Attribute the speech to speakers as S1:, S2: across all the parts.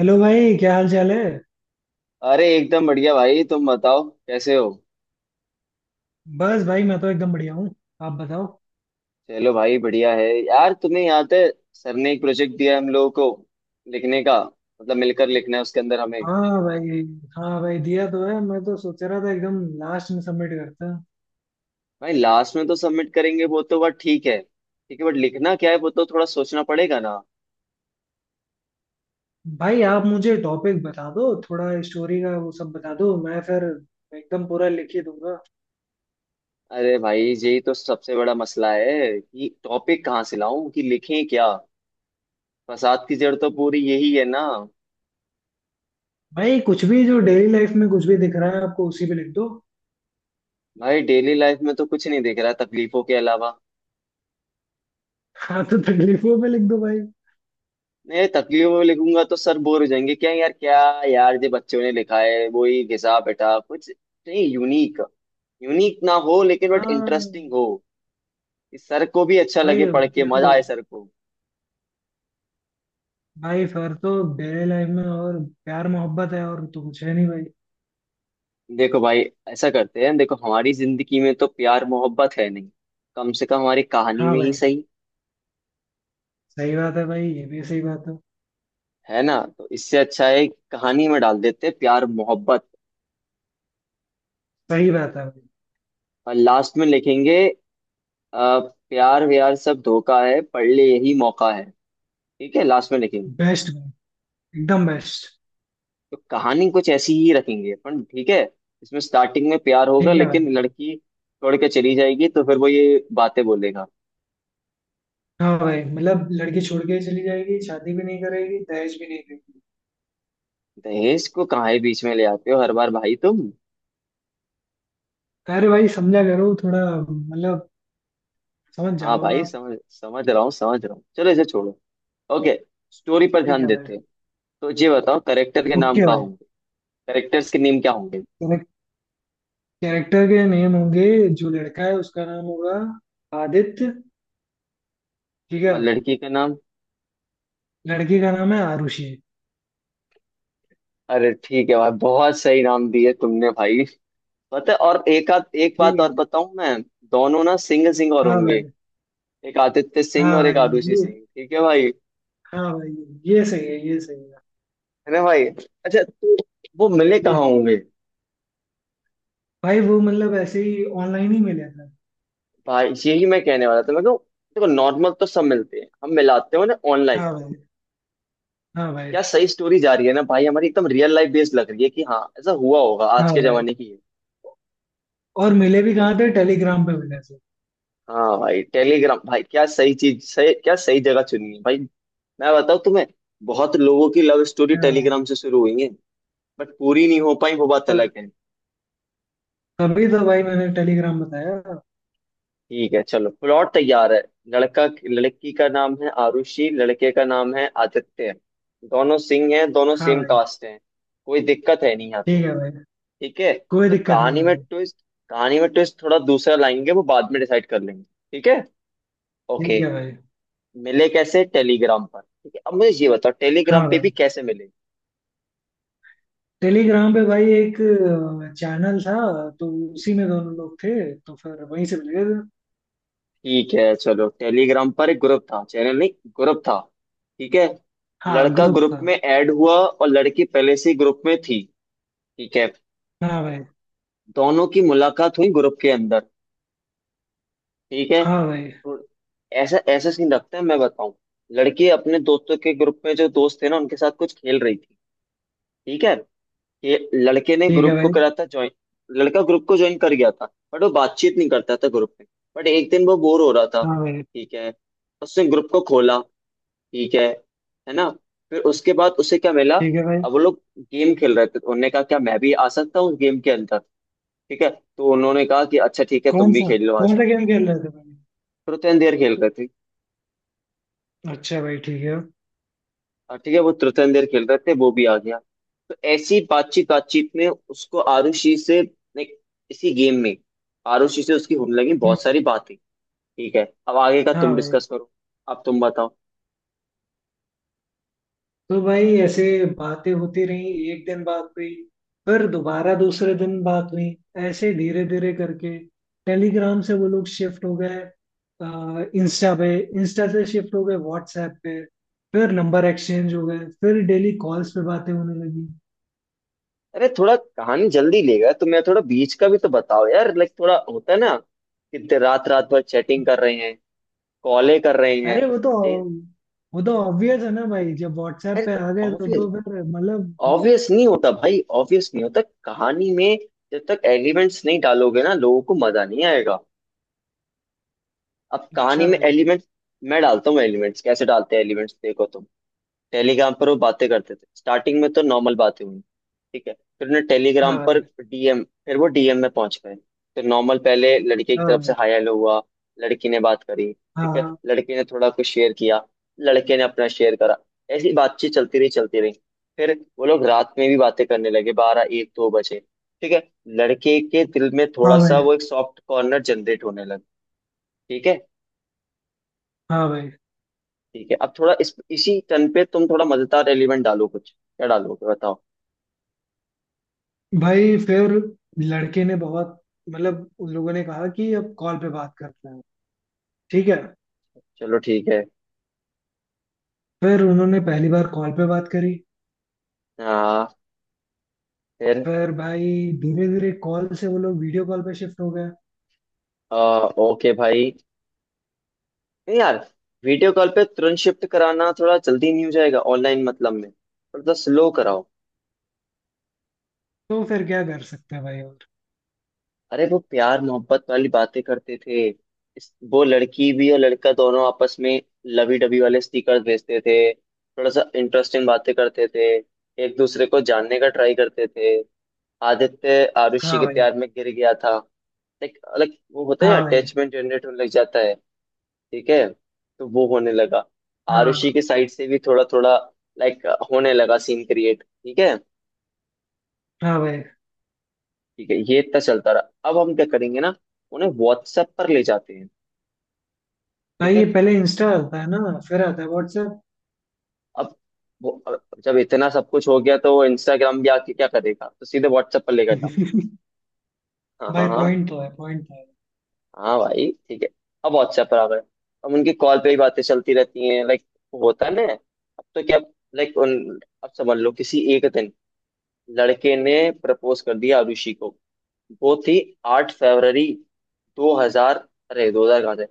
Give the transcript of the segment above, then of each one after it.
S1: Hello भाई, क्या हाल चाल है।
S2: अरे एकदम बढ़िया भाई, तुम बताओ कैसे हो।
S1: बस भाई, मैं तो एकदम बढ़िया हूँ। आप बताओ।
S2: चलो भाई बढ़िया है यार। तुम्हें याद है सर ने एक प्रोजेक्ट दिया हम लोगों को लिखने का, मतलब मिलकर लिखना है उसके अंदर हमें।
S1: हाँ भाई। हाँ भाई, दिया तो है। मैं तो सोच रहा था एकदम लास्ट में सबमिट करता।
S2: भाई लास्ट में तो सबमिट करेंगे, वो तो बात ठीक है, ठीक है, बट लिखना क्या है वो तो थोड़ा सोचना पड़ेगा ना।
S1: भाई आप मुझे टॉपिक बता दो, थोड़ा स्टोरी का वो सब बता दो, मैं फिर एकदम पूरा लिख ही दूंगा।
S2: अरे भाई यही तो सबसे बड़ा मसला है कि टॉपिक कहाँ से लाऊं, कि लिखें क्या। फसाद की जड़ तो पूरी यही है ना।
S1: भाई कुछ भी जो डेली लाइफ में कुछ भी दिख रहा है आपको, उसी पे लिख दो।
S2: भाई डेली लाइफ में तो कुछ नहीं दिख रहा तकलीफों के अलावा।
S1: हाँ, तो तकलीफों पे लिख दो भाई।
S2: नहीं, तकलीफ में लिखूंगा तो सर बोर हो जाएंगे क्या यार। क्या यार, जो बच्चों ने लिखा है वही घिसा बैठा कुछ। नहीं, यूनिक। यूनिक ना हो लेकिन बट
S1: हाँ
S2: इंटरेस्टिंग हो, कि सर को भी अच्छा
S1: भाई।
S2: लगे, पढ़ के मजा
S1: देखो
S2: आए सर को।
S1: भाई, फिर तो डेली लाइफ में और प्यार मोहब्बत है, और तो कुछ है नहीं भाई।
S2: देखो भाई ऐसा करते हैं, देखो हमारी जिंदगी में तो प्यार मोहब्बत है नहीं, कम से कम हमारी कहानी
S1: हाँ
S2: में ही
S1: भाई,
S2: सही।
S1: सही बात है भाई, ये भी सही बात है।
S2: है ना, तो इससे अच्छा है कहानी में डाल देते हैं प्यार मोहब्बत।
S1: सही बात है भाई।
S2: और लास्ट में लिखेंगे अ, प्यार व्यार सब धोखा है, पढ़ ले यही मौका है। ठीक है, लास्ट में लिखेंगे।
S1: बेस्ट भाई, एकदम बेस्ट।
S2: तो कहानी कुछ ऐसी ही रखेंगे अपन, ठीक है। इसमें स्टार्टिंग में प्यार होगा
S1: ठीक है भाई।
S2: लेकिन लड़की छोड़ के चली जाएगी, तो फिर वो ये बातें बोलेगा।
S1: हाँ भाई, मतलब लड़की छोड़ के ही चली जाएगी, शादी भी नहीं करेगी, दहेज भी नहीं देगी।
S2: दहेज को कहाँ है बीच में ले आते हो हर बार भाई तुम।
S1: तो अरे भाई, समझा करो थोड़ा। मतलब समझ
S2: हाँ
S1: जाओ
S2: भाई,
S1: आप।
S2: समझ समझ रहा हूँ चलो इसे छोड़ो। ओके, स्टोरी पर
S1: ठीक
S2: ध्यान
S1: है भाई।
S2: देते हैं। तो ये बताओ करेक्टर के नाम
S1: ओके
S2: क्या
S1: भाई,
S2: होंगे? करेक्टर्स के नेम क्या होंगे?
S1: कैरेक्टर के नेम होंगे। जो लड़का है उसका नाम होगा आदित्य। ठीक है।
S2: और लड़की का नाम?
S1: लड़की का नाम है आरुषि।
S2: अरे ठीक है भाई, बहुत सही नाम दिए तुमने भाई। पता है, और एक आध एक
S1: ठीक
S2: बात और
S1: है।
S2: बताऊं मैं? दोनों ना सिंगल सिंगल
S1: हाँ
S2: होंगे।
S1: भाई।
S2: एक आदित्य सिंह
S1: हाँ
S2: और एक
S1: भाई।
S2: आरुषि
S1: ये
S2: सिंह, ठीक है भाई?
S1: हाँ भाई ये सही है, ये सही है।
S2: है ना भाई। अच्छा तो वो मिले कहाँ
S1: ये
S2: होंगे?
S1: भाई वो, मतलब ऐसे ही ऑनलाइन ही मिले थे।
S2: भाई यही मैं कहने वाला था, मैं कहूँ देखो नॉर्मल तो सब मिलते हैं, हम मिलाते हो ना ऑनलाइन।
S1: हाँ भाई। हाँ भाई।
S2: क्या सही स्टोरी जा रही है ना भाई, हमारी एकदम रियल लाइफ बेस्ड लग रही है, कि हाँ ऐसा हुआ होगा, आज
S1: हाँ
S2: के
S1: भाई,
S2: जमाने की है।
S1: और मिले भी
S2: ठीक।
S1: कहाँ थे, टेलीग्राम पे मिले थे।
S2: हाँ भाई टेलीग्राम, भाई क्या सही चीज, सही, क्या सही जगह चुनी है भाई। मैं बताऊँ तुम्हें, बहुत लोगों की लव स्टोरी
S1: हाँ भाई।
S2: टेलीग्राम से शुरू हुई है। बट पूरी नहीं हो पाई, वो बात अलग
S1: त-
S2: है।
S1: तभी तो भाई मैंने टेलीग्राम बताया।
S2: ठीक है, चलो प्लॉट तैयार है। लड़का, लड़की का नाम है आरुषि, लड़के का नाम है आदित्य। दोनों सिंह हैं, दोनों
S1: हाँ
S2: सेम
S1: भाई।
S2: कास्ट हैं। कोई दिक्कत है नहीं यहाँ तो।
S1: ठीक है भाई,
S2: ठीक है।
S1: कोई
S2: तो
S1: दिक्कत नहीं
S2: कहानी
S1: है
S2: में
S1: भाई।
S2: ट्विस्ट, कहानी में ट्विस्ट थोड़ा दूसरा लाएंगे, वो बाद में डिसाइड कर लेंगे। ठीक है। ओके।
S1: ठीक है भाई।
S2: मिले कैसे, टेलीग्राम पर। ठीक है, अब मुझे ये बताओ टेलीग्राम
S1: हाँ
S2: पे
S1: भाई,
S2: भी कैसे मिले।
S1: टेलीग्राम पे भाई एक चैनल था, तो उसी में दोनों लोग थे, तो फिर वहीं से मिले थे।
S2: ठीक है, चलो टेलीग्राम पर एक ग्रुप था, चैनल नहीं, ग्रुप था। ठीक है।
S1: हाँ,
S2: लड़का
S1: ग्रुप
S2: ग्रुप
S1: था।
S2: में ऐड हुआ और लड़की पहले से ग्रुप में थी। ठीक है।
S1: हाँ भाई।
S2: दोनों की मुलाकात हुई ग्रुप के अंदर। ठीक है,
S1: हाँ भाई।
S2: तो ऐसा ऐसा सीन रखते हैं, मैं बताऊं। लड़की अपने दोस्तों के ग्रुप में, जो दोस्त थे ना उनके साथ कुछ खेल रही थी। ठीक है। ये लड़के ने
S1: ठीक है
S2: ग्रुप को
S1: भाई।
S2: करा था ज्वाइन। लड़का ग्रुप को ज्वाइन कर गया था, बट वो बातचीत नहीं करता था ग्रुप में। बट एक दिन वो बोर हो रहा था।
S1: हाँ भाई।
S2: ठीक है। उसने ग्रुप को खोला। ठीक है ना। फिर उसके बाद उसे क्या मिला।
S1: ठीक है भाई।
S2: अब वो लोग गेम खेल रहे थे, तो उन्होंने कहा क्या मैं भी आ सकता हूँ उस गेम के अंदर। ठीक है। तो उन्होंने कहा कि अच्छा ठीक है, तुम भी खेल लो आ
S1: कौन सा
S2: जाओ।
S1: गेम खेल रहे थे भाई।
S2: तुरंतन देर खेल रहे थे।
S1: अच्छा भाई, ठीक है।
S2: और ठीक है, वो तुरंतन देर खेल रहे थे, वो भी आ गया। तो ऐसी बातचीत बातचीत में उसको आरुषि से इसी गेम में आरुषि से उसकी होने लगी
S1: हम्म।
S2: बहुत सारी बातें। ठीक है, अब आगे का
S1: हाँ
S2: तुम
S1: भाई।
S2: डिस्कस करो। अब तुम बताओ।
S1: तो भाई ऐसे बातें होती रही, एक दिन बात हुई, फिर दोबारा दूसरे दिन बात हुई। ऐसे धीरे धीरे करके टेलीग्राम से वो लोग शिफ्ट हो गए इंस्टा पे। इंस्टा से शिफ्ट हो गए व्हाट्सएप पे। फिर नंबर एक्सचेंज हो गए, फिर डेली कॉल्स पे बातें होने लगी।
S2: अरे थोड़ा कहानी जल्दी लेगा तो, मैं थोड़ा बीच का भी तो बताओ यार, लाइक थोड़ा होता है ना कि रात रात भर चैटिंग कर रहे हैं, कॉले कर रहे हैं।
S1: अरे वो तो
S2: ए-
S1: वो तो ऑब्वियस है ना भाई, जब व्हाट्सएप
S2: अरे
S1: पे
S2: तो
S1: आ गए तो
S2: ऑब्वियस
S1: फिर मतलब।
S2: ऑब्वियस नहीं होता भाई, ऑब्वियस नहीं होता कहानी में। जब तक एलिमेंट्स नहीं डालोगे ना लोगों को मजा नहीं आएगा। अब कहानी
S1: अच्छा
S2: में
S1: भाई।
S2: एलिमेंट्स मैं डालता हूँ एलिमेंट्स। कैसे डालते हैं एलिमेंट्स, देखो तुम। टेलीग्राम पर वो बातें करते थे, स्टार्टिंग में तो नॉर्मल बातें हुई। ठीक है। फिर उन्हें
S1: हाँ
S2: टेलीग्राम
S1: भाई।
S2: पर डीएम, फिर वो डीएम में पहुंच गए। तो नॉर्मल पहले लड़के की
S1: हाँ
S2: तरफ से
S1: भाई।
S2: हाय हेलो हुआ। लड़की ने बात करी,
S1: हाँ
S2: ठीक है,
S1: हाँ
S2: लड़के ने थोड़ा कुछ शेयर किया। लड़के ने अपना शेयर करा, ऐसी बातचीत चलती रही, चलती रही। फिर वो लोग रात में भी बातें करने लगे, 12, 1, 2 बजे। ठीक है। लड़के के दिल में थोड़ा
S1: हाँ भाई।
S2: सा वो एक सॉफ्ट कॉर्नर जनरेट होने लगा। ठीक है।
S1: हाँ भाई।
S2: ठीक है, अब थोड़ा इस इसी टर्न पे तुम थोड़ा मजेदार एलिमेंट डालो, कुछ क्या डालोगे बताओ।
S1: भाई फिर लड़के ने बहुत, मतलब उन लोगों ने कहा कि अब कॉल पे बात करते हैं। ठीक है।
S2: चलो ठीक है।
S1: फिर उन्होंने पहली बार कॉल पे बात करी।
S2: हाँ। फिर
S1: फिर भाई धीरे धीरे कॉल से वो लोग वीडियो कॉल पे शिफ्ट हो गए।
S2: आ, ओके भाई, नहीं यार वीडियो कॉल पे तुरंत शिफ्ट कराना थोड़ा जल्दी नहीं हो जाएगा? ऑनलाइन मतलब में थोड़ा स्लो कराओ।
S1: तो फिर क्या कर सकते हैं भाई और।
S2: अरे वो प्यार मोहब्बत वाली बातें करते थे। वो लड़की भी और लड़का दोनों आपस में लवी डबी वाले स्टिकर भेजते थे, थोड़ा सा इंटरेस्टिंग बातें करते थे, एक दूसरे को जानने का ट्राई करते थे। आदित्य आरुषि
S1: हाँ
S2: के
S1: भाई।
S2: प्यार में गिर गया था। लाइक लाइक वो होता है,
S1: हाँ भाई।
S2: अटैचमेंट जनरेट होने लग जाता है। ठीक है। तो वो होने लगा। आरुषि
S1: हाँ
S2: के साइड से भी थोड़ा थोड़ा लाइक होने लगा, सीन क्रिएट। ठीक है।
S1: हाँ भाई।
S2: ठीक है, ये इतना चलता रहा। अब हम क्या करेंगे ना, उन्हें व्हाट्सएप पर ले जाते हैं। ठीक
S1: भाई ये
S2: है।
S1: पहले इंस्टा आता है ना, फिर आता है व्हाट्सएप।
S2: अब वो, अब जब इतना सब कुछ हो गया तो वो इंस्टाग्राम भी आके क्या करेगा, तो सीधे व्हाट्सएप पर लेकर जाओ। हाँ हाँ
S1: भाई
S2: हाँ।
S1: पॉइंट तो है, पॉइंट तो है।
S2: हाँ भाई ठीक है, अब व्हाट्सएप पर आ गए। अब उनकी कॉल पे ही बातें चलती रहती हैं, लाइक होता है ना अब तो। क्या लाइक उन, अब समझ लो किसी एक दिन लड़के ने प्रपोज कर दिया आरुषि को। वो थी 8 फरवरी, 2000, अरे 2000 कहाँ से,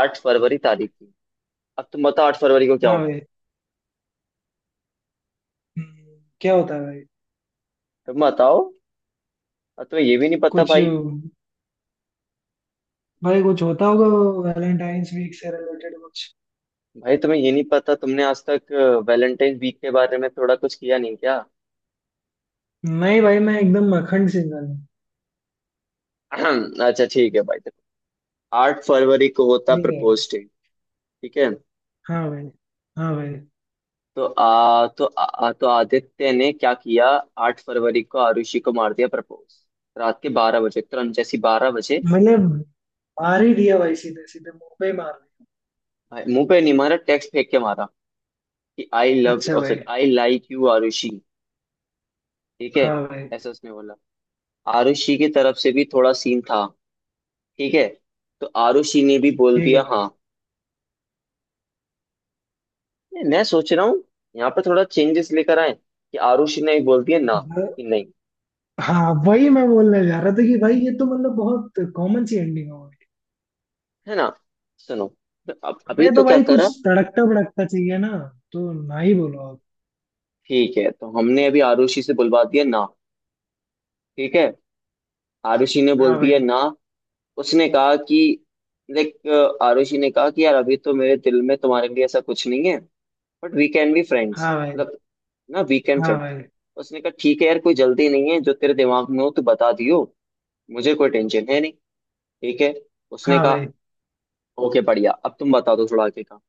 S2: 8 फरवरी तारीख थी। अब तुम बताओ 8 फरवरी को क्या
S1: हाँ
S2: होता है?
S1: भाई। हम्म, क्या होता है भाई।
S2: तुम बताओ। अब तुम्हें ये भी नहीं पता
S1: कुछ,
S2: भाई।
S1: भाई कुछ होता होगा, वैलेंटाइंस वीक से रिलेटेड कुछ।
S2: भाई तुम्हें ये नहीं पता, तुमने आज तक वैलेंटाइन वीक के बारे में थोड़ा कुछ किया नहीं क्या?
S1: नहीं भाई, मैं एकदम अखंड सिंगल हूँ।
S2: अच्छा ठीक है भाई, देखो 8 फरवरी को होता
S1: ठीक है।
S2: Propose day. ठीक है।
S1: हाँ भाई। हाँ भाई।
S2: तो आदित्य ने क्या किया, 8 फरवरी को आरुषि को मार दिया प्रपोज। रात के 12 बजे, तुरंत जैसी 12 बजे।
S1: मैंने मार ही दिया भाई, सीधे सीधे मुंह पे ही मार दिया।
S2: भाई मुंह पे नहीं मारा, टेक्स्ट फेंक के मारा कि आई लव
S1: अच्छा
S2: और सॉरी
S1: भाई।
S2: I like you Arushi. ठीक है।
S1: हाँ भाई।
S2: ऐसा उसने बोला। आरुषि की तरफ से भी थोड़ा सीन था, ठीक है, तो आरुषि ने भी बोल
S1: ठीक
S2: दिया
S1: है।
S2: हाँ। मैं सोच रहा हूँ, यहाँ पर थोड़ा चेंजेस लेकर आए, कि आरुषि ने भी बोल दिया ना,
S1: ब-
S2: कि नहीं।
S1: हाँ, वही मैं बोलने जा रहा था कि भाई ये तो मतलब बहुत कॉमन सी एंडिंग हो गई।
S2: है ना, सुनो, तो अब अभी
S1: हमें
S2: तो
S1: तो
S2: क्या
S1: भाई कुछ
S2: करा।
S1: तड़कता भड़कता चाहिए ना, तो ना ही बोलो आप।
S2: ठीक है, तो हमने अभी आरुषि से बुलवा दिया ना। ठीक है। आरुषि ने बोल
S1: हाँ
S2: दिया
S1: भाई।
S2: ना। उसने कहा कि लाइक, आरुषि ने कहा कि यार अभी तो मेरे दिल में तुम्हारे लिए ऐसा कुछ नहीं है, but we can be friends,
S1: हाँ भाई।
S2: मतलब ना वीकेंड
S1: हाँ
S2: पे।
S1: भाई।
S2: उसने कहा ठीक है यार, कोई जल्दी नहीं है, जो तेरे दिमाग में हो तो बता दियो, मुझे कोई टेंशन है नहीं। ठीक है, उसने
S1: हाँ
S2: कहा।
S1: भाई।
S2: ओके बढ़िया, अब तुम बता दो थोड़ा आगे का।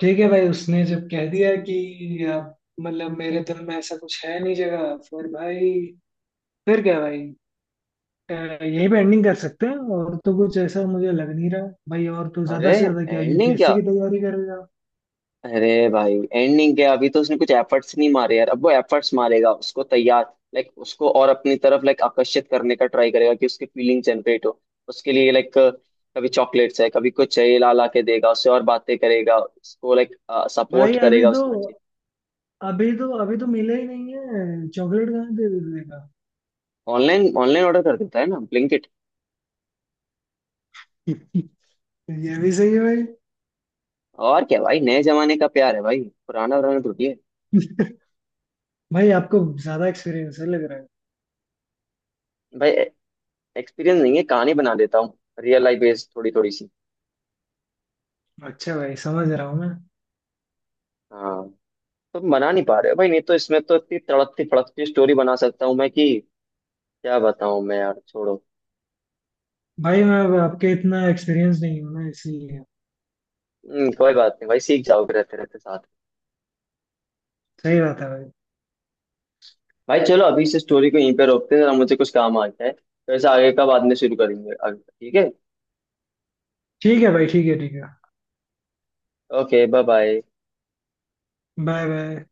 S1: ठीक है भाई, उसने जब कह दिया कि आप मतलब मेरे दिल में ऐसा कुछ है नहीं जगह, फिर भाई फिर क्या भाई। यहीं पे एंडिंग कर सकते हैं, और तो कुछ ऐसा मुझे लग नहीं रहा भाई, और तो ज्यादा
S2: अरे
S1: से ज्यादा क्या,
S2: एंडिंग क्या,
S1: यूपीएससी की तैयारी करेगा।
S2: अरे भाई एंडिंग क्या, अभी तो उसने कुछ एफर्ट्स नहीं मारे यार। अब वो एफर्ट्स मारेगा, उसको तैयार, लाइक उसको और अपनी तरफ लाइक आकर्षित करने का ट्राई करेगा, कि उसकी फीलिंग जनरेट हो उसके लिए। लाइक कभी चॉकलेट्स है, कभी कुछ है, ये ला ला के देगा उससे, और बातें करेगा उसको, लाइक सपोर्ट
S1: भाई अभी
S2: करेगा
S1: तो
S2: उसमें।
S1: अभी तो अभी तो मिला ही नहीं है, चॉकलेट कहाँ दे देगा।
S2: ऑनलाइन, ऑनलाइन ऑर्डर कर देता है ना ब्लिंकिट।
S1: ये भी सही है भाई।
S2: और क्या भाई, नए जमाने का प्यार है भाई, पुराना पुराना थोड़ी है।
S1: भाई आपको ज्यादा एक्सपीरियंस है लग रहा है।
S2: भाई एक्सपीरियंस नहीं है, कहानी बना देता हूँ, रियल लाइफ बेस्ड थोड़ी थोड़ी सी।
S1: अच्छा भाई, समझ रहा हूँ मैं।
S2: हाँ, तुम बना नहीं पा रहे हो भाई नहीं तो, इसमें तो इतनी तड़कती फड़कती स्टोरी बना सकता हूँ मैं कि क्या बताऊँ मैं यार, छोड़ो।
S1: भाई मैं अब आपके इतना एक्सपीरियंस नहीं हूँ ना, इसीलिए।
S2: कोई बात नहीं भाई, सीख जाओगे रहते रहते साथ।
S1: सही बात है भाई।
S2: भाई चलो, अभी इस स्टोरी को यहीं पे रोकते हैं, जरा मुझे कुछ काम आ गया है, तो ऐसा आगे का बाद में शुरू करेंगे आगे का, ठीक है।
S1: ठीक है भाई, ठीक है, ठीक है।
S2: Okay, bye bye.
S1: Bye bye.